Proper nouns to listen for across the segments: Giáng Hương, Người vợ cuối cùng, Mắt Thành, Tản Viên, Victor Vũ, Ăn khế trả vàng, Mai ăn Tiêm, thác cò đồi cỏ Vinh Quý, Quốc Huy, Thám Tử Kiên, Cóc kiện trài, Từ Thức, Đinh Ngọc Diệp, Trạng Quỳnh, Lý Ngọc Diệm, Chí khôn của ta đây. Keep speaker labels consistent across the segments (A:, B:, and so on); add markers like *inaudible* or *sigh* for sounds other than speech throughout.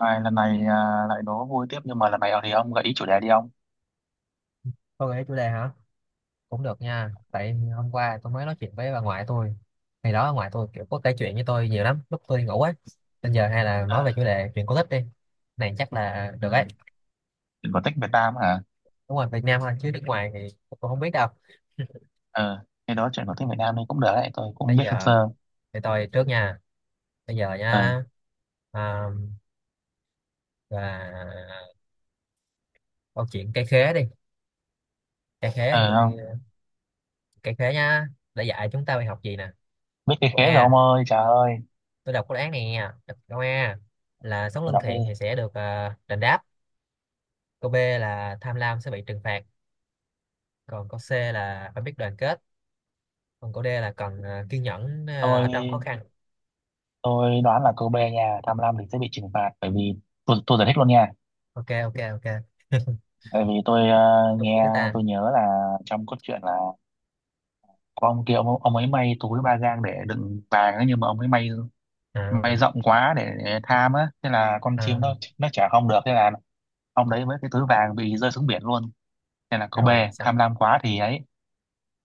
A: Này, lần này à, lại đố vui tiếp nhưng mà lần này ở thì ông gợi ý chủ đề đi ông.
B: Thôi gợi chủ đề hả? Cũng được nha. Tại hôm qua tôi mới nói chuyện với bà ngoại tôi. Ngày đó bà ngoại tôi kiểu có kể chuyện với tôi nhiều lắm. Lúc tôi đi ngủ á. Bây giờ hay là
A: Ờ.
B: nói về chủ đề chuyện cổ tích đi. Này chắc là
A: Ừ.
B: được ấy.
A: Chuyện cổ tích Việt Nam hả?
B: Đúng rồi, Việt Nam thôi. Chứ nước ngoài thì tôi không biết đâu.
A: Ờ Cái đó chuyện cổ tích Việt Nam thì cũng được đấy, tôi cũng
B: Bây
A: biết sơ
B: giờ
A: sơ.
B: thì tôi trước nha. Bây giờ
A: Ờ.
B: nha. À, là câu chuyện cây khế đi. Cây khế
A: Ờ
B: tôi.
A: không?
B: Cây khế nha. Đã dạy chúng ta bài học gì nè.
A: Biết cái
B: Câu
A: khế rồi ông
B: A.
A: ơi, trời ơi.
B: Tôi đọc câu án này nha. Câu A là sống
A: Tôi
B: lương
A: đọc đi.
B: thiện thì sẽ được đền đáp. Câu B là tham lam sẽ bị trừng phạt, còn câu C là phải biết đoàn kết, còn câu D là cần kiên nhẫn ở trong khó
A: Tôi
B: khăn.
A: tôi đoán là câu B nha, tham lam thì sẽ bị trừng phạt, bởi vì tôi giải thích luôn nha.
B: Ok, ok, ok.
A: Tại vì tôi
B: Đúng
A: nghe,
B: chữ ta.
A: tôi nhớ là trong cốt truyện là có ông kia ông ấy may túi ba gang để đựng vàng ấy, nhưng mà ông ấy may
B: À,
A: rộng quá để tham á, thế là con chim
B: à,
A: nó chả không được, thế là ông đấy với cái túi vàng bị rơi xuống biển luôn, nên là cô B
B: rồi
A: tham
B: xong.
A: lam quá thì ấy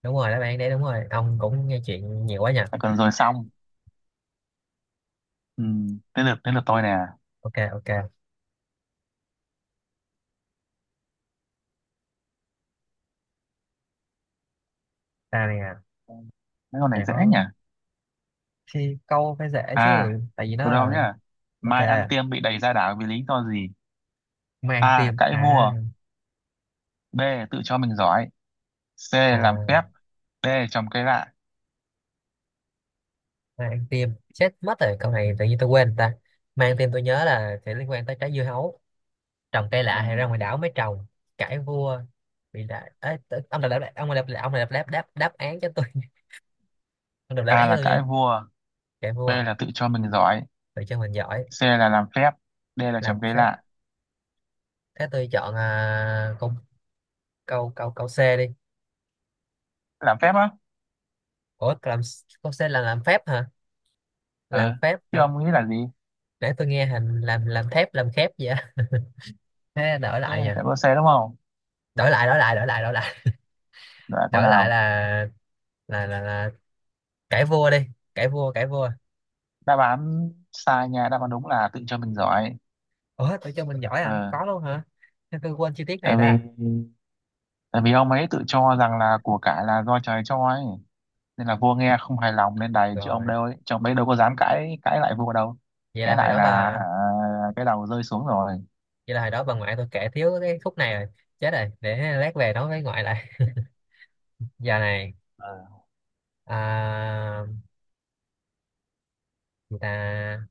B: Đúng rồi, đáp bạn đấy đúng rồi. Ông cũng nghe chuyện nhiều quá nhỉ.
A: là còn rồi xong. Ừ, đến lượt tôi nè.
B: Ok, ok. Ta này à,
A: Mấy con này
B: chả
A: dễ
B: có
A: nhỉ.
B: khi câu phải dễ
A: À,
B: chứ, tại vì nó
A: tôi đâu
B: là
A: nhá.
B: ok,
A: Mai Ăn Tiêm bị đày ra đảo vì lý do gì?
B: mang
A: A,
B: tim.
A: cãi vua. B, tự cho mình giỏi. C, làm
B: À
A: phép. D, trồng cây lạ.
B: Mang tim. Chết mất rồi, câu này tự nhiên tôi quên ta. Mang tim tôi nhớ là sẽ liên quan tới trái dưa hấu, trồng cây lạ
A: Ờ,
B: hay ra ngoài đảo mới trồng, cãi vua, bị đại. Ê, ông đọc đáp đáp đáp án cho tôi. *laughs* Ông đọc đáp
A: A
B: án cho
A: là
B: tôi nha.
A: cãi vua.
B: Cãi
A: B
B: vua à?
A: là tự cho mình giỏi.
B: Tự cho mình giỏi.
A: C là làm phép. D là
B: Làm
A: trồng cây
B: phép.
A: lạ.
B: Thế tôi chọn câu câu câu câu C đi.
A: Làm phép á.
B: Ủa, câu C là làm phép hả? Làm
A: Ừ,
B: phép
A: chứ
B: hả?
A: ông nghĩ là gì?
B: Nãy tôi nghe hình làm thép làm khép vậy á. *laughs* Thế đổi
A: Thế
B: lại
A: là
B: nha.
A: phải có C đúng không?
B: đổi lại đổi lại đổi lại đổi lại
A: Lại câu
B: đổi lại
A: nào?
B: là là cãi vua đi. Cãi vua.
A: Đáp án sai nha, đáp án đúng là tự cho mình giỏi.
B: Ủa, tự cho mình giỏi à?
A: Ờ,
B: Có luôn hả? Thế tôi quên chi tiết
A: tại
B: này
A: vì,
B: ta.
A: tại vì ông ấy tự cho rằng là của cải là do trời cho ấy, nên là vua nghe không hài lòng nên đày chứ ông
B: Rồi,
A: đâu ấy, chứ ông ấy đâu có dám cãi cãi lại vua đâu.
B: vậy là
A: Cãi
B: hồi
A: lại
B: đó
A: là,
B: bà
A: à, cái đầu rơi xuống rồi.
B: vậy là hồi đó bà ngoại tôi kể thiếu cái khúc này rồi. Chết rồi, để lát về nói với ngoại lại. *laughs* Giờ này
A: Ờ.
B: à, người ta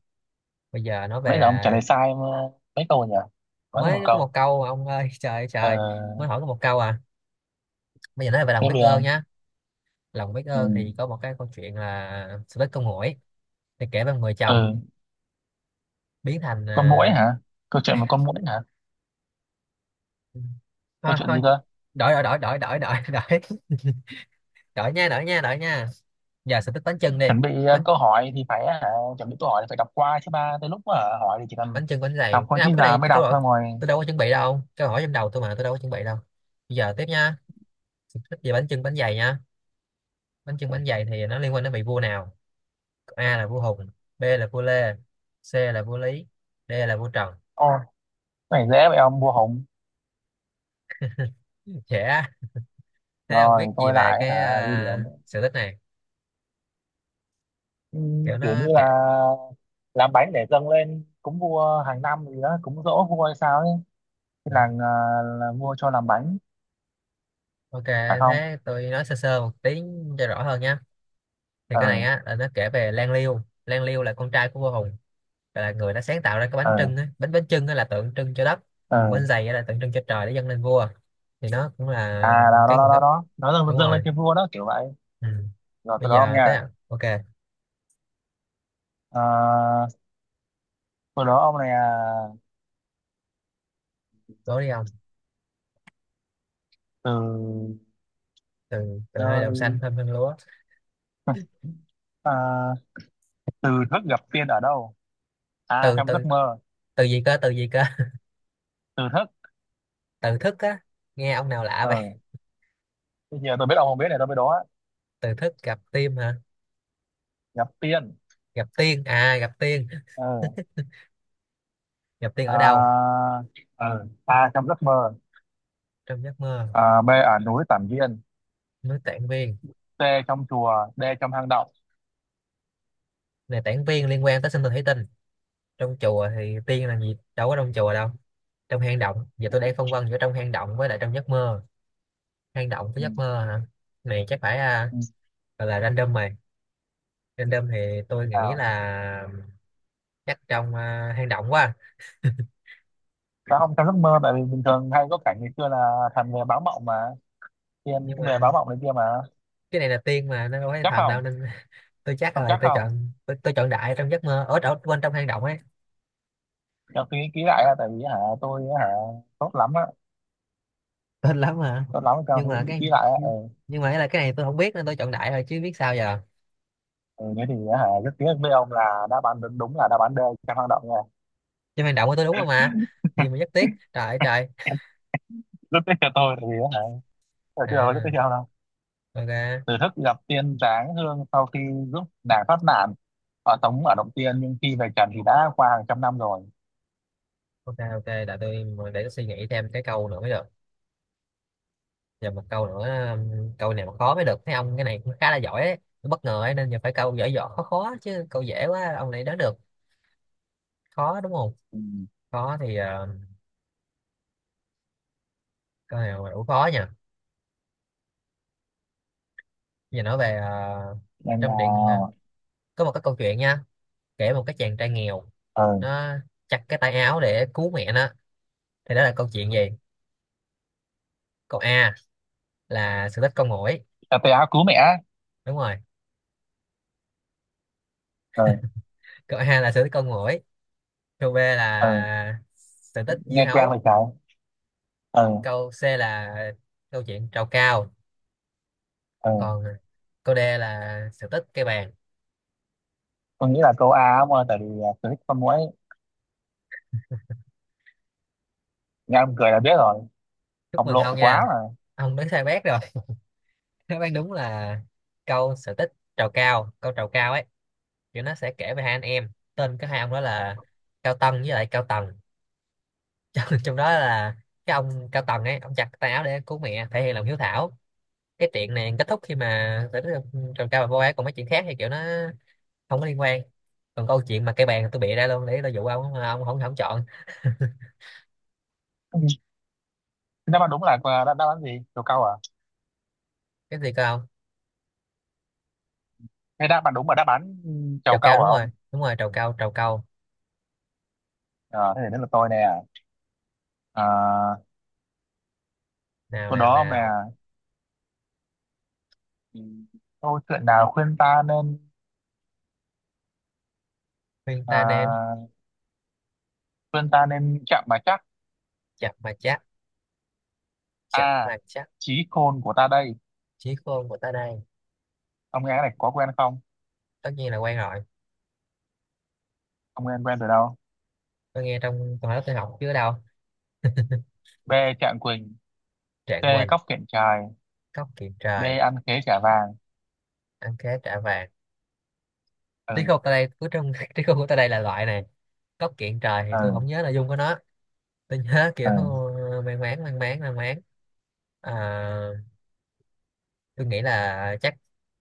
B: bây giờ nói
A: Nãy giờ
B: về.
A: ông trả lời sai mà. Mấy câu nhỉ? Vẫn có một
B: Mới có một
A: câu.
B: câu mà ông ơi. *laughs* Trời ơi
A: Ờ,
B: trời. Mới hỏi có một câu à. Bây giờ nói về lòng
A: tiếp
B: biết
A: đi
B: ơn
A: ông.
B: nhá. Lòng biết
A: Ừ.
B: ơn thì có một cái câu chuyện là sự tích con muỗi. Thì kể về một người chồng
A: Ừ.
B: biến thành
A: Con muỗi hả? Câu chuyện một
B: *laughs*
A: con muỗi hả? Câu
B: thôi
A: chuyện gì
B: thôi.
A: cơ?
B: Đổi đổi đổi đổi đổi. *laughs* đổi đổi đổi nha. Đổi nha. Đổi nha. Giờ sự tích bánh chưng đi.
A: Chuẩn bị
B: bánh
A: câu hỏi thì phải hả, chuẩn bị câu hỏi thì phải đọc qua chứ, ba tới lúc mà hỏi thì chỉ cần
B: bánh chưng bánh
A: đọc
B: dày,
A: thôi
B: cái nào
A: chứ
B: cái
A: già
B: này
A: mới
B: câu
A: đọc
B: hỏi.
A: ra ngoài.
B: Tôi đâu có chuẩn bị đâu, câu hỏi trong đầu tôi mà tôi đâu có chuẩn bị đâu. Bây giờ tiếp nha. Thích về bánh chưng bánh dày nha. Bánh chưng bánh dày thì nó liên quan đến vị vua nào? A là vua Hùng, b là vua Lê, c là vua Lý, d là vua Trần.
A: Ôi, cái này dễ vậy, ông vua Hùng.
B: Trẻ. Thế ông biết
A: Rồi
B: gì
A: tôi
B: về
A: lại
B: cái
A: hả? Ghi điểm.
B: sự tích này? Kiểu
A: Kiểu như
B: nó kệ.
A: là làm bánh để dâng lên cúng vua hàng năm gì đó, cúng giỗ vua hay sao ấy. Cái làng ờ, là vua cho làm bánh
B: Ok,
A: phải không?
B: thế tôi nói sơ sơ một tí cho rõ hơn nhé. Thì cái này
A: Ừ.
B: á là nó kể về Lan Liêu. Lan Liêu là con trai của vua Hùng, là người đã sáng tạo ra cái bánh trưng
A: Ừ.
B: á. Bánh bánh trưng á là tượng trưng cho đất, còn bánh
A: Ừ.
B: dày á là tượng trưng cho trời, để dâng lên vua. Thì nó cũng
A: À,
B: là
A: đó
B: cái
A: đó đó
B: nguồn
A: đó
B: gốc.
A: đó, nó
B: Đúng
A: dâng lên
B: rồi.
A: cho vua đó kiểu vậy.
B: Ừ.
A: Rồi từ
B: Bây
A: đó ông
B: giờ tới
A: nha.
B: à? Ok,
A: Ờ, từ đó ông này à,
B: đố đi ông.
A: từ
B: Từ. Từ nơi đồng
A: nơi
B: xanh thơm hương lúa.
A: à, từ Thức gặp tiên ở đâu? À
B: Từ
A: trong giấc
B: từ.
A: mơ.
B: Từ gì cơ? Từ gì cơ?
A: Từ Thức.
B: *laughs* Từ thức á. Nghe ông nào lạ vậy.
A: Ờ, bây giờ tôi biết ông không biết, này tôi biết đó.
B: Từ thức gặp tim hả?
A: Gặp tiên.
B: Gặp tiên à? Gặp tiên.
A: Ờ.
B: Gặp tiên ở đâu?
A: À, ờ, A, trong giấc mơ.
B: Trong giấc mơ.
A: À, B, ở núi Tản Viên.
B: Núi Tản Viên.
A: C, trong chùa. D, trong hang động.
B: Này Tản Viên liên quan tới sinh tồn thủy tinh. Trong chùa thì tiên làm gì đâu có trong chùa đâu. Trong hang động, giờ tôi đang phân vân giữa trong hang động với lại trong giấc mơ. Hang động với
A: Ừ.
B: giấc mơ hả? Này chắc phải
A: Ừ.
B: gọi là random mày. Random thì tôi nghĩ
A: À,
B: là chắc trong hang động quá.
A: sao không trong giấc mơ, tại vì bình thường hay có cảnh ngày xưa là thần về báo mộng mà, tiên
B: Nhưng
A: cũng về
B: mà
A: báo mộng này kia mà.
B: cái này là tiên mà nó đâu phải
A: Chắc
B: thần đâu
A: không?
B: nên *laughs* tôi chắc
A: Không
B: là
A: chắc
B: tôi
A: không,
B: chọn tôi, tôi chọn đại trong giấc mơ. Ở ở quên, trong hang động ấy.
A: cho tôi nghĩ kỹ lại á, tại vì hả, tôi hả, tốt lắm á,
B: Tên lắm mà.
A: tốt lắm, cho
B: nhưng
A: tôi
B: mà
A: nghĩ
B: cái
A: kỹ lại á. Ừ.
B: nhưng mà cái là cái này tôi không biết nên tôi chọn đại rồi chứ biết sao giờ.
A: Ừ, thế thì á hả, rất tiếc với ông là đáp án đúng, đúng là đáp án D, trong hang động nha.
B: Trong hang động của tôi đúng không mà? Gì mà rất tiếc, trời ơi trời.
A: *laughs* Em rất tiếc cho tôi tại vì á hả, tôi chưa rất tiếc
B: À,
A: cho ông đâu.
B: ok,
A: Từ Thức gặp tiên Giáng Hương sau khi giúp nàng thoát nạn ở tống ở động tiên, nhưng khi về trần thì đã qua hàng trăm năm rồi.
B: ok, ok. Để tôi suy nghĩ thêm cái câu nữa mới được. Giờ một câu nữa, câu này mà khó mới được, thấy ông cái này cũng khá là giỏi ấy. Tôi bất ngờ ấy, nên giờ phải câu giỏi giỏi khó khó chứ câu dễ quá ông này đoán được. Khó đúng không?
A: Ừ.
B: Khó thì câu này mà đủ khó nha. Giờ nói về
A: Nên là.
B: trong truyện có một cái câu chuyện nha, kể một cái chàng trai nghèo.
A: Ờ.
B: Nó chặt cái tay áo để cứu mẹ nó. Thì đó là câu chuyện gì? Câu A là sự tích con muỗi.
A: Ừ. Tôi áo cứu mẹ á.
B: Đúng rồi.
A: Ờ.
B: Câu A là sự tích con muỗi. Câu B
A: Ờ,
B: là sự tích dưa
A: nghe quen
B: hấu.
A: vậy trái. Ờ.
B: Câu C là câu chuyện trầu cao.
A: Ờ,
B: Còn câu D là sự tích cây bàn.
A: tôi nghĩ là câu A ông ơi, tại vì à, tôi thích con muỗi, nghe ông cười là biết rồi.
B: Chúc
A: Ông
B: mừng
A: lộ
B: ông nha.
A: quá mà. *laughs*
B: Ông đoán sai bét rồi. *laughs* Đáp án đúng là câu sự tích trầu cao. Câu trầu cao ấy. Kiểu nó sẽ kể về hai anh em, tên cái hai ông đó là Cao Tân với lại Cao Tần. *laughs* Trong đó là cái ông Cao Tần ấy, ông chặt tay áo để cứu mẹ, thể hiện lòng hiếu thảo. Cái chuyện này kết thúc khi mà sự tích trầu cao và vô ấy, còn mấy chuyện khác thì kiểu nó không có liên quan. Còn câu chuyện mà cây bàn tôi bịa ra luôn để tôi dụ ông mà ông không không chọn. *laughs*
A: Ừ. Đáp án đúng là à, đáp đáp án gì câu câu à?
B: Cái gì cơ ông?
A: Cái đáp bạn đúng là đáp án ừ, trầu
B: Trầu cau,
A: cau hả
B: đúng rồi.
A: ông?
B: Đúng rồi, trầu cau, trầu cau.
A: Ờ, thế thì đến là tôi nè. À,
B: Nào
A: sau
B: nào
A: đó ông nè,
B: nào.
A: ừ, câu chuyện nào khuyên ta nên
B: Khuyên ta nên
A: à, khuyên ta nên chậm mà chắc?
B: chập mà chắc. Chập
A: A,
B: mà chắc.
A: Chí Khôn Của Ta Đây.
B: Chí khôn của ta đây.
A: Ông nghe cái này có quen không?
B: Tất nhiên là quen rồi.
A: Ông nghe quen từ đâu?
B: Tôi nghe trong toàn lớp tôi học chứ ở đâu.
A: B, Trạng Quỳnh. C,
B: Trạng quỳnh.
A: Cóc Kiện Trài.
B: Cốc kiện
A: D,
B: trời.
A: Ăn Khế Trả Vàng.
B: Ăn khế trả vàng. Trí
A: Ừ.
B: khôn ta đây cứ trong *laughs* trí khôn của ta đây là loại này. Cốc kiện trời thì tôi
A: Ừ.
B: không nhớ nội dung của nó. Tôi nhớ *laughs* kiểu
A: Ừ.
B: mang máng mang máng mang máng. À, tôi nghĩ là chắc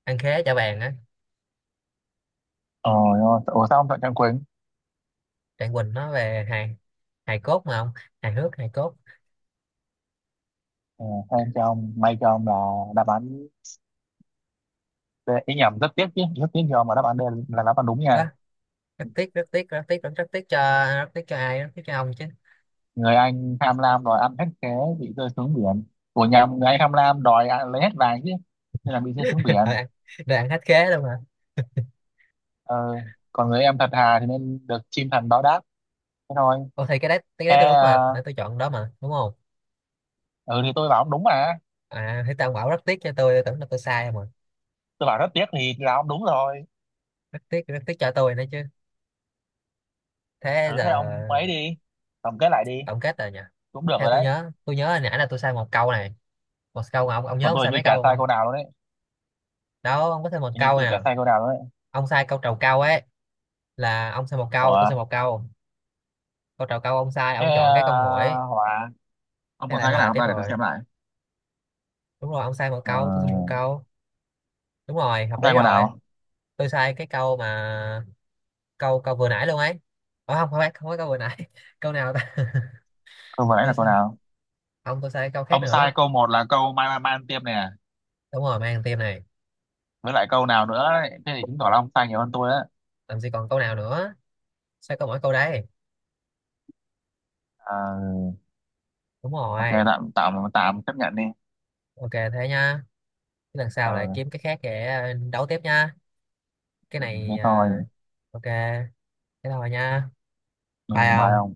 B: ăn khế trả vàng á.
A: Ôi, ôi, ủa sao ông chọn Trạng Quỳnh?
B: Trạng quỳnh nó về hài, hài cốt mà không, hài hước hài cốt.
A: Ừ, hay cho ông, may cho ông là đáp án D. Ý nhầm, rất tiếc chứ, rất tiếc cho ông mà đáp án D là đáp án đúng nha.
B: Ơ, rất tiếc, rất tiếc, rất tiếc, rất tiếc cho. Rất tiếc cho ai? Rất tiếc cho ông chứ.
A: Người anh tham lam đòi ăn hết, thế bị rơi xuống biển. Của nhà người anh tham lam đòi ăn, lấy hết vàng chứ, nên là bị rơi xuống
B: *laughs* rồi
A: biển.
B: ăn rồi ăn hết khế luôn mà.
A: Ờ, còn người em thật thà thì nên được chim thần báo đáp, thế thôi.
B: Ồ thì cái đấy, cái
A: Thế
B: đấy tôi đúng mà,
A: à,
B: nãy tôi chọn đó mà, đúng không?
A: ừ thì tôi bảo ông đúng mà.
B: À thì tao bảo rất tiếc cho tôi tưởng là tôi sai mà.
A: Tôi bảo rất tiếc thì là ông đúng rồi.
B: Rất tiếc, rất tiếc cho tôi nữa chứ. Thế
A: Thử thế
B: giờ
A: ông ấy đi, tổng kết lại đi.
B: tổng kết rồi nhỉ.
A: Cũng được
B: Theo
A: rồi
B: tôi
A: đấy.
B: nhớ tôi nhớ hồi nãy là tôi sai một câu này. Một câu mà Ông nhớ
A: Còn
B: ông
A: tôi
B: sai
A: hình như
B: mấy
A: chả
B: câu không?
A: sai câu
B: Không?
A: nào luôn đấy.
B: Đó, ông có thêm một
A: Hình như
B: câu
A: tôi chả
B: nè.
A: sai câu nào luôn đấy.
B: Ông sai câu trầu cau ấy, là ông sai một câu, tôi
A: Ủa,
B: sai một câu. Câu trầu cau ông sai,
A: thế
B: ông
A: à,
B: chọn cái con muỗi.
A: hòa. Ông
B: Thế
A: còn
B: lại
A: sai cái nào
B: hòa
A: không
B: tiếp
A: ta, để tôi
B: rồi.
A: xem lại.
B: Đúng rồi, ông sai một
A: Ờ,
B: câu, tôi sai một câu. Đúng rồi, hợp
A: không sai
B: lý
A: câu
B: rồi.
A: nào.
B: Tôi sai cái câu mà câu câu vừa nãy luôn ấy. Ờ không, không phải, không phải câu vừa nãy. *laughs* Câu nào ta?
A: Câu vừa
B: *laughs*
A: nãy là
B: tôi
A: câu
B: sai
A: nào?
B: không, tôi sai cái câu khác
A: Ông sai
B: nữa.
A: câu một là câu mai mai mai ăn tiêm này à.
B: Đúng rồi, mang tim này.
A: Với lại câu nào nữa ấy. Thế thì chứng tỏ là ông sai nhiều hơn tôi á.
B: Làm gì còn câu nào nữa, sao có mỗi câu đấy.
A: Ờ,
B: Đúng
A: ok,
B: rồi.
A: tạm tạm tạm chấp nhận đi.
B: Ok, thế nha. Cái lần sau lại
A: Ờ,
B: kiếm cái khác để đấu tiếp nha. Cái
A: thế
B: này
A: thôi.
B: ok, thế thôi nha.
A: Ừ,
B: Bye
A: bye
B: ông.
A: ông.